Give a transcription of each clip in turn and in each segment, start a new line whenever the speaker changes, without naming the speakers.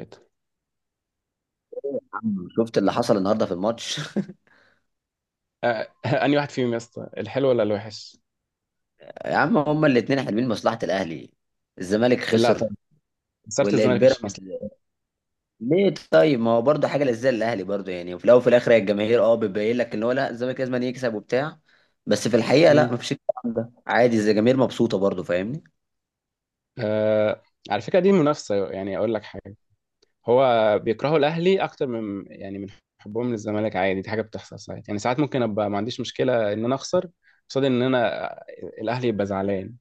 آه،
عم، شفت اللي حصل النهارده في الماتش.
انهي واحد فيهم يا اسطى، الحلو ولا الوحش؟
يا عم هما الاثنين حلمين مصلحة الاهلي. الزمالك
لا طبعا.
خسر
خساره الزمالك مش هتخلص.
والبيراميدز. ليه طيب، ما هو برضه حاجه للزي الاهلي برضه، يعني وفي الاول وفي الاخر هي الجماهير اه بتبين لك ان هو لا الزمالك لازم يكسب وبتاع. بس في الحقيقه لا،
مم.
مفيش الكلام ده عادي إذا الجماهير مبسوطه برضه، فاهمني؟
آه على فكره دي منافسه، يعني اقول لك حاجه. هو بيكرهوا الاهلي اكتر من يعني من حبهم للزمالك، عادي. دي حاجه بتحصل ساعات، يعني ساعات ممكن ابقى ما عنديش مشكله ان انا اخسر قصاد ان انا الاهلي يبقى زعلان.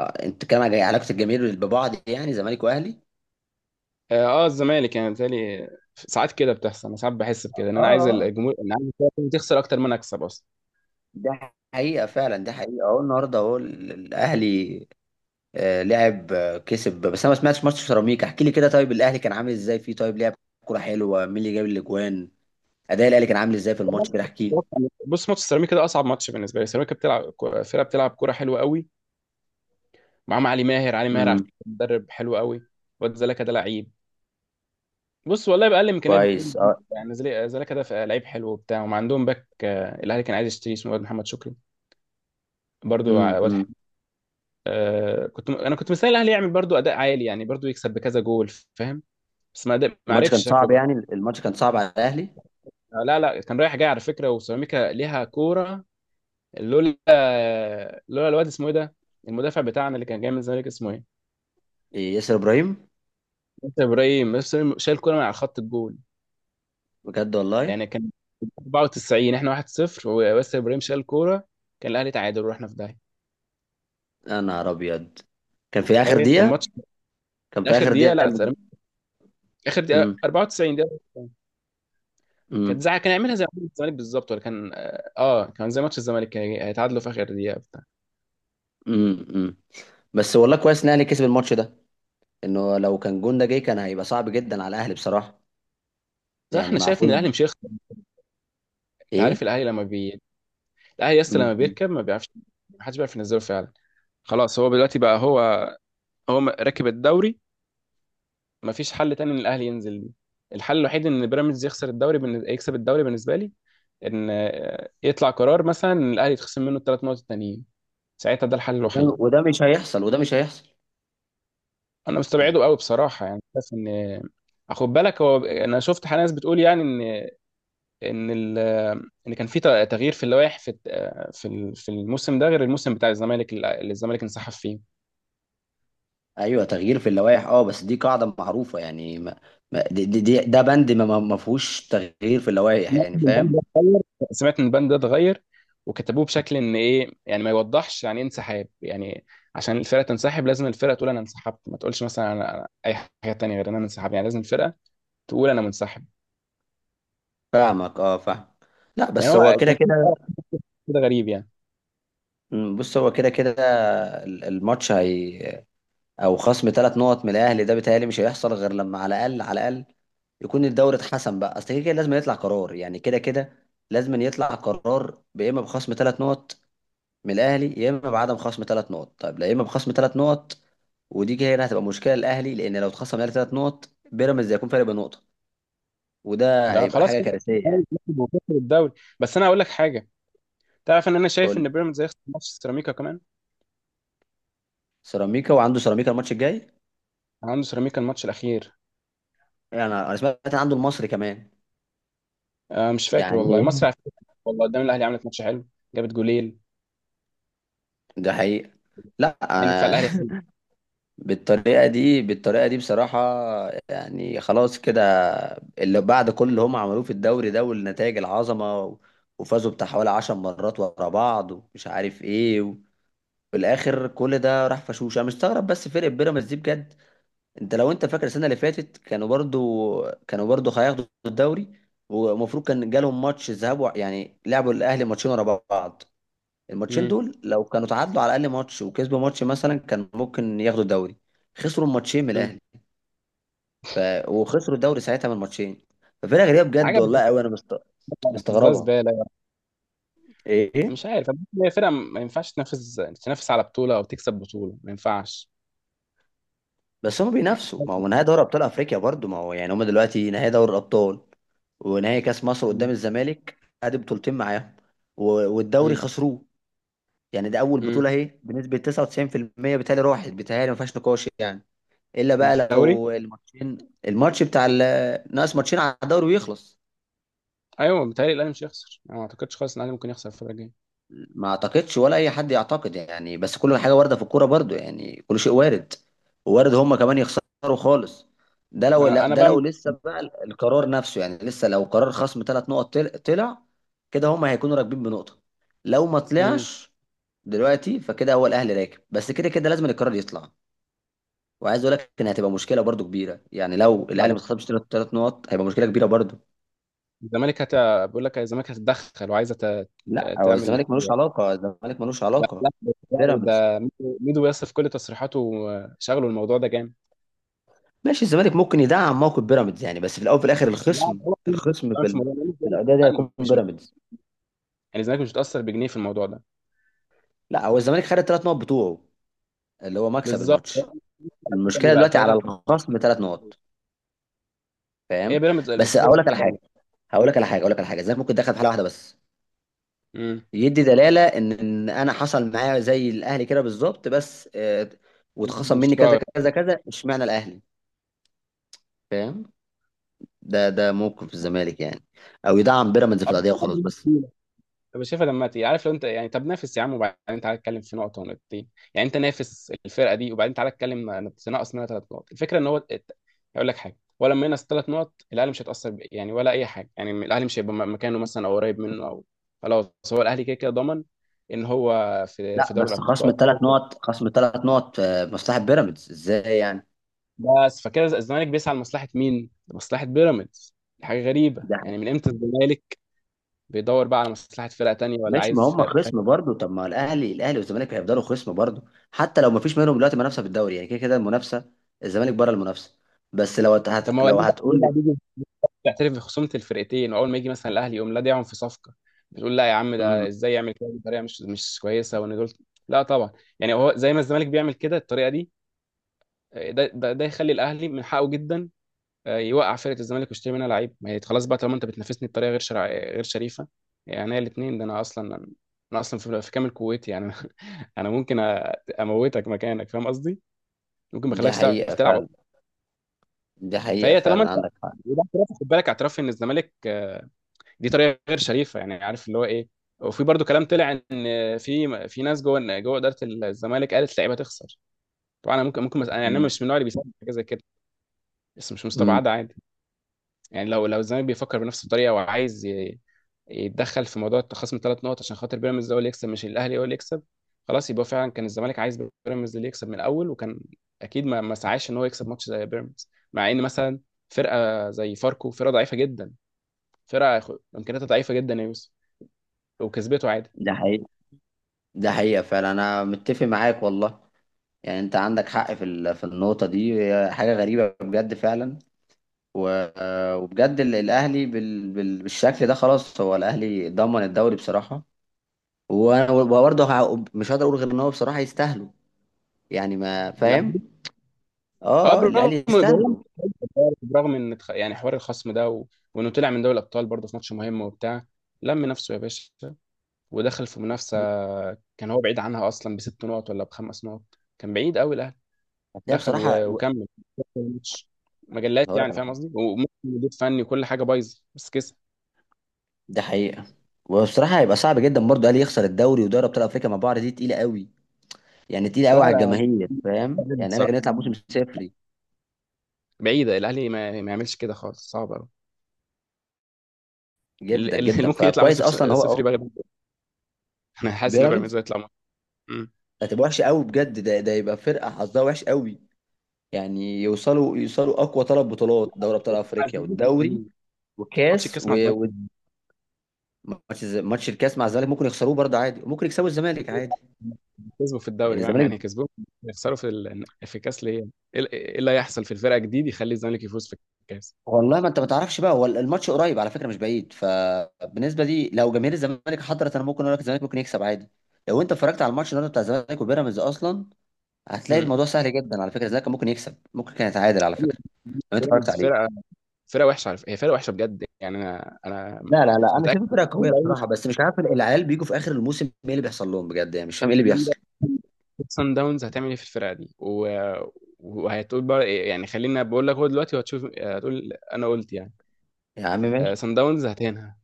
انت كان على علاقه الجماهير ببعض، يعني زمالك واهلي؟
اه الزمالك يعني بالتالي ساعات كده بتحصل. انا ساعات بحس بكده، ان
اه
انا عايز
اه.
الجمهور، ان عايز الفرقة تخسر اكتر ما انا اكسب اصلا.
ده حقيقه فعلا، ده حقيقه، اهو النهارده اهو الاهلي لعب كسب. بس انا ما سمعتش ماتش سيراميكا، احكي لي كده طيب الاهلي كان عامل ازاي فيه؟ طيب لعب كوره حلوه؟ مين اللي جاب الاجوان؟ اداء الاهلي كان عامل ازاي في الماتش كده؟ احكي لي.
بص، ماتش سيراميكا ده اصعب ماتش بالنسبه لي. سيراميكا بتلعب، فرقه بتلعب كوره حلوه قوي. معاهم علي ماهر، علي ماهر على
امم.
فكرة مدرب حلو قوي. واد زلكا ده لعيب، بص والله بأقل إمكانيات.
كويس اه.
يعني زلكا ده لعيب حلو وبتاع، وما عندهم باك. الأهلي كان عايز يشتريه، اسمه واد محمد شكري، برضو واد
امم.
حلو. أنا كنت مستني الأهلي يعمل برضو أداء عالي، يعني برضو يكسب بكذا جول، فاهم؟ بس ما قدر- ما
الماتش
عرفش
كان
شكله
صعب،
بقى.
يعني الماتش كان صعب على الاهلي.
لا لا، كان رايح جاي على فكرة، وسيراميكا ليها كورة. لولا لولا الواد اسمه إيه ده، المدافع بتاعنا اللي كان جاي من الزمالك، اسمه ايه؟
إيه، ياسر ابراهيم.
انت ابراهيم، بس شايل كوره من على خط الجول.
بجد والله؟
يعني كان 94، احنا 1-0 وياسر ابراهيم شال الكوره، كان الاهلي تعادل ورحنا في داهيه.
يا نهار ابيض. كان في اخر
تخيل، كان
دقيقه؟
ماتش
كان في
اخر
اخر
دقيقه،
دقيقه.
لا سلام، اخر دقيقه،
امم
94 دقيقه. كانت
امم.
كان يعملها زي ماتش الزمالك بالظبط، ولا كان، كان زي ماتش الزمالك، كان هيتعادلوا في اخر دقيقه بتاع
امم. بس والله كويس ان الاهلي كسب الماتش ده، انه لو كان جون ده جه كان هيبقى صعب جدا على الاهلي بصراحه.
بصراحه
يعني
انا
مع
شايف ان
فوز.
الاهلي مش هيخسر. انت
ايه.
عارف الاهلي لما بي الاهلي يس
مم.
لما بيركب ما بيعرفش، ما حدش بيعرف ينزله فعلا. خلاص، هو دلوقتي بقى هو راكب الدوري. ما فيش حل تاني ان الاهلي ينزل ليه. الحل الوحيد ان بيراميدز يخسر الدوري، يكسب الدوري، بالنسبه لي، ان يطلع قرار مثلا ان الاهلي يتخصم منه الثلاث نقط التانيين، ساعتها ده الحل
وده
الوحيد.
وده مش هيحصل، وده مش هيحصل.
انا
يعني
مستبعده قوي بصراحه، يعني بس ان، خد بالك، هو انا شفت حاجة، ناس بتقول يعني ان ان ال... آه، ان كان في تغيير في اللوائح، في في الموسم ده غير الموسم بتاع الزمالك اللي الزمالك انسحب فيه.
ايوه، تغيير في اللوائح اه، بس دي قاعده معروفه يعني، ده بند ما فيهوش تغيير في اللوائح،
سمعت
يعني
ان البند ده
فاهم؟
اتغير، سمعت ان البند ده اتغير، وكتبوه بشكل ان ايه، يعني ما يوضحش يعني ايه انسحاب. يعني عشان الفرقه تنسحب، لازم الفرقه تقول انا انسحبت، ما تقولش مثلا انا، اي حاجه تانية غير ان انا انسحب. يعني لازم الفرقه تقول انا منسحب.
فاهمك اه، فاهم. لا
يعني
بس
هو
هو كده
كان في
كده.
كده غريب يعني.
مم، بص هو كده كده، الماتش هي، او خصم ثلاث نقط من الاهلي ده بيتهيألي مش هيحصل غير لما على الاقل على الاقل يكون الدوري اتحسم بقى. اصل كده كده لازم يطلع قرار، يعني كده كده لازم يطلع قرار، يا اما بخصم ثلاث نقط من الاهلي يا اما بعدم خصم ثلاث نقط. طيب لا، يا اما بخصم ثلاث نقط، ودي كده هنا هتبقى مشكله للاهلي، لان لو اتخصم الاهلي ثلاث نقط بيراميدز هيكون فارق بنقطه، وده
ده
هيبقى
خلاص
حاجه
كده،
كارثيه يعني.
وخسر الدوري. بس انا هقول لك حاجه، تعرف ان انا
قول
شايف
لي.
ان بيراميدز هيخسر ماتش سيراميكا كمان؟
سيراميكا، وعنده سيراميكا الماتش الجاي.
عنده سيراميكا الماتش الاخير.
يعني انا سمعت إن عنده المصري كمان.
آه، مش فاكر والله.
يعني
مصر على فكرة والله، قدام الاهلي عملت ماتش حلو، جابت جولين.
ده حقيقه. لا
يعني دفاع
أنا
الاهلي،
بالطريقه دي، بالطريقه دي بصراحه يعني خلاص كده. اللي بعد كل اللي هم عملوه في الدوري ده والنتائج العظمه، وفازوا بتاع حوالي 10 مرات ورا بعض ومش عارف ايه، في الاخر كل ده راح فشوش. انا مستغرب بس فرقه بيراميدز دي بجد. انت لو انت فاكر السنه اللي فاتت، كانوا برضو كانوا برضو هياخدوا الدوري، ومفروض كان جالهم ماتش ذهاب يعني لعبوا الاهلي ماتشين ورا بعض. الماتشين
امم
دول لو كانوا تعادلوا على الاقل ماتش وكسبوا ماتش مثلا كان ممكن ياخدوا الدوري. خسروا الماتشين من الاهلي، ف... وخسروا الدوري ساعتها من الماتشين. ففرقه غريبه بجد
عجب،
والله، قوي انا مست...
زي
مستغربها.
زباله،
ايه.
مش عارف. هي فرقه ما ينفعش تنافس، تنافس على بطوله او تكسب بطوله، ما ينفعش.
بس هم بينافسوا، ما هو نهائي دوري ابطال افريقيا برضو، ما هو يعني هم دلوقتي نهائي دوري الابطال ونهائي كاس مصر قدام الزمالك. ادي بطولتين معاهم، و- والدوري
امم
خسروه. يعني ده اول
امم.
بطوله اهي بنسبه 99% بتهيألي راحت، بتهيألي ما فيهاش نقاش يعني، الا بقى
الدوري،
لو الماتشين، الماتش بتاع ناقص ماتشين على الدوري ويخلص.
ايوه بيتهيألي الاهلي مش هيخسر، انا ما اعتقدش خالص ان الاهلي ممكن يخسر الفتره الجايه.
ما اعتقدش ولا اي حد يعتقد يعني، بس كل حاجه وارده في الكوره برضو، يعني كل شيء وارد، وارد هم كمان يخسروا خالص. ده
ما
لو
انا
لا-
انا
ده
بقى.
لو لسه بقى القرار نفسه، يعني لسه لو قرار خصم ثلاث نقط طلع، كده هم هيكونوا راكبين بنقطه. لو ما
امم.
طلعش دلوقتي، فكده هو الاهلي راكب، بس كده كده لازم القرار يطلع. وعايز اقول لك ان هتبقى مشكله برضو كبيره، يعني لو الاهلي ما خصمش ثلاث نقط هيبقى مشكله كبيره برضو.
الزمالك هت... بيقول لك الزمالك هتتدخل وعايزه
لا، هو
تعمل
الزمالك ملوش
حاجه.
علاقه، الزمالك ملوش
ده
علاقه.
لا، ده،
بيراميدز.
ده ميدو، ميدو ياسر في كل تصريحاته شغله الموضوع ده جامد.
ماشي، الزمالك ممكن يدعم موقف بيراميدز يعني، بس في الاول وفي الاخر
لا
الخصم،
ده هو ميدو
الخصم
كمان
في
في
ال...
الموضوع ده.
في
الزمالك
الاداء ده
مثلاً
هيكون
مش
بيراميدز.
يعني الزمالك مش متاثر بجنيه في الموضوع ده.
لا هو الزمالك خد الثلاث نقط بتوعه، اللي هو مكسب
بالظبط.
الماتش.
هو
المشكله
بقى
دلوقتي على
ثلاثه،
الخصم ثلاث نقط،
هي
فاهم؟
بيراميدز
بس
المفروض.
اقول لك على حاجه، هقول لك على حاجه، اقول لك على حاجه، الزمالك ممكن يدخل في حاله واحده بس،
امم.
يدي دلاله ان إن انا حصل معايا زي الاهلي كده بالظبط، بس واتخصم
مش
مني كذا كذا كذا، اشمعنى الاهلي؟ فاهم؟ ده ده موقف الزمالك يعني، او يدعم بيراميدز في القضيه وخلاص بس.
قوي. طب شايفها، لما عارف لو انت يعني، طب نافس يا عم وبعدين تعالى اتكلم في نقطه ونقطتين. يعني انت نافس الفرقه دي وبعدين تعالى اتكلم، تنقص منها ثلاث نقط. الفكره ان هو هقول لك حاجه، ولا لما ينقص ثلاث نقط الاهلي مش هيتاثر، يعني ولا اي حاجه، يعني الاهلي مش هيبقى، مكانه مثلا او قريب منه او، خلاص هو الاهلي كده كده ضمن ان هو في
لا،
في دوري
بس خصم
الابطال هو.
ثلاث نقط، خصم ثلاث نقط مصلحة بيراميدز ازاي يعني؟
بس فكده الزمالك بيسعى لمصلحه مين؟ لمصلحه بيراميدز؟ حاجه غريبه،
ده
يعني من امتى الزمالك بيدور بقى على مصلحه فرقه تانيه، ولا
ماشي، ما
عايز
هم
فرقه.
خصم برضه. طب ما الاهلي، الاهلي والزمالك هيفضلوا خصم برضه حتى لو ما فيش منهم دلوقتي منافسة في الدوري، يعني كده كده المنافسة، الزمالك بره المنافسة. بس لو
طب ما هو
لو
ليه بقى، ليه
هتقول
بقى
لي.
بيجي تعترف بخصومه الفرقتين، واول ما يجي مثلا الاهلي يقوم لادعهم في صفقه بتقول لا يا عم، ده
امم.
ازاي يعمل كده بطريقه مش كويسه وان دول، لا طبعا. يعني هو زي ما الزمالك بيعمل كده الطريقه دي، ده ده يخلي الاهلي من حقه جدا، يوقع فرقه الزمالك ويشتري منها لعيب. ما هي خلاص بقى، طالما انت بتنافسني بطريقه غير شريفه، يعني هي الاثنين ده، انا اصلا، انا اصلا في كامل قوتي يعني انا ممكن اموتك مكانك، فاهم قصدي؟ ممكن ما
ده
اخليكش تعرف
حقيقة
تلعب أصلاً.
فعلا، ده حقيقة
فهي طالما
فعلا
انت،
عندك حق.
وده اعتراف، خد بالك، اعتراف ان الزمالك، دي طريقه غير شريفه، يعني عارف اللي هو ايه. وفي برضو كلام طلع ان في في ناس جوه جوه اداره الزمالك قالت اللعيبه تخسر. طبعا انا ممكن يعني انا
امم
مش من النوع اللي بيساعد حاجه زي كده، بس مش
امم.
مستبعده عادي. يعني لو الزمالك بيفكر بنفس الطريقه وعايز يتدخل في موضوع التخاصم ثلاث نقط عشان خاطر بيراميدز هو اللي يكسب، مش الاهلي هو اللي يكسب، خلاص يبقى فعلا كان الزمالك عايز بيراميدز اللي يكسب من الاول، وكان اكيد ما ما سعاش ان هو يكسب ماتش زي بيراميدز، مع ان مثلا فرقه زي فاركو فرقه ضعيفه جدا، فرقه امكانياتها ضعيفه جدا يا يوسف، وكسبته عادي.
ده حقيقة، ده حقيقة فعلا، انا متفق معاك والله. يعني انت عندك حق في ال... في النقطة دي، هي حاجة غريبة بجد فعلا. وبجد الاهلي بال... بال... بالشكل ده خلاص، هو الاهلي ضمن الدوري بصراحه. وبرضه مش هقدر اقول غير ان هو بصراحه يستاهلوا، يعني ما
لا.
فاهم.
اه،
اه.
برغم،
الاهلي
برغم
يستاهلوا.
برغم ان يعني حوار الخصم ده وانه طلع من دوري الابطال برضه في ماتش مهم وبتاع، لم نفسه يا باشا، ودخل في منافسه كان هو بعيد عنها اصلا بست نقط ولا بخمس نقط، كان بعيد قوي الاهلي،
بس هي
دخل
بصراحه
و... وكمل الماتش، مجلات
هقول لك
يعني،
على
فاهم
حاجه،
قصدي، وممكن مدير فني وكل حاجه بايظه، بس كسب.
دي حقيقه. وبصراحه هيبقى صعب جدا برضه الاهلي يخسر الدوري ودوري ابطال افريقيا مع بعض، دي تقيله قوي، يعني تقيله قوي على
بصراحه،
الجماهير، فاهم
لا،
يعني؟ قال
بصراحه
لك هنطلع موسم صفري؟
بعيده الاهلي، ما يعملش كده خالص، صعب قوي.
جدا
اللي اللي
جدا،
ممكن يطلع
فكويس
موسم
اصلا هو
صفر
اه.
بقى، انا حاسس ان بيراميدز
بيراميدز
هيطلع
هتبقى وحشه قوي بجد، ده ده يبقى فرقه حظها وحش قوي. يعني يوصلوا يوصلوا اقوى ثلاث بطولات، دوري ابطال افريقيا والدوري
مم. ماتش
وكاس،
الكاس مع الزمالك،
وماتش ماتش الكاس مع الزمالك ممكن يخسروه برضه عادي، وممكن يكسبوا الزمالك عادي.
كسبوا في
لان
الدوري فاهم
الزمالك،
يعني، كسبوهم. يخسروا في ال... في الكاس ليه؟ ايه إيه اللي هيحصل في الفرقه جديد يخلي الزمالك يفوز في الكاس؟
والله ما انت ما تعرفش بقى، هو الماتش قريب على فكره مش بعيد، فبالنسبه دي لو جماهير الزمالك حضرت انا ممكن اقول لك الزمالك ممكن يكسب عادي. لو انت اتفرجت على الماتش النهارده بتاع الزمالك وبيراميدز اصلا، هتلاقي
امم.
الموضوع سهل جدا على فكره. الزمالك كان ممكن يكسب، ممكن كان يتعادل على فكره، لو انت اتفرجت
بيراميدز
عليه.
فرقه، فرقه وحشه على فكرة. هي فرقه وحشه بجد يعني، انا انا
لا لا لا، انا
متاكد.
شايف فرقه قويه بصراحه، بس مش عارف العيال بيجوا في اخر الموسم ايه اللي بيحصل لهم بجد، يعني مش فاهم ايه اللي بيحصل.
سان داونز هتعمل ايه في الفرقه دي، وهتقول بقى إيه يعني، خلينا بقول لك هو دلوقتي وهتشوف، هتقول انا قلت يعني.
يا عم ماشي.
سان داونز هتهنها،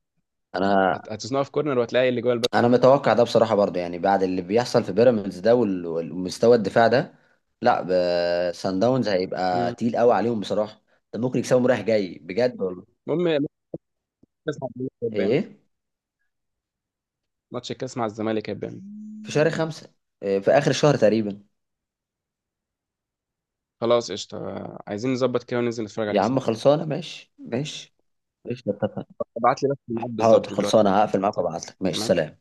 انا
هتصنعها في كورنر وهتلاقي اللي جوه الباب.
انا متوقع ده بصراحه برضه، يعني بعد اللي بيحصل في بيراميدز ده والمستوى الدفاع ده، لا سان داونز هيبقى
مم.
تقيل قوي عليهم بصراحه. ده ممكن يكسبهم رايح جاي بجد والله.
المهم،
ايه.
ماتش الكاس مع الزمالك هيبان.
في شهر خمسة؟ إيه، في اخر الشهر تقريبا.
خلاص قشطة، عايزين نظبط كده وننزل نتفرج عليه
يا
سوا.
عم خلصانه، ماشي ماشي. ماشي.
ابعت لي بس الميعاد
حاضر،
بالظبط دلوقتي
خلصانه،
على
هقفل معاك
الواتساب.
وابعت لك، ماشي،
تمام.
سلام.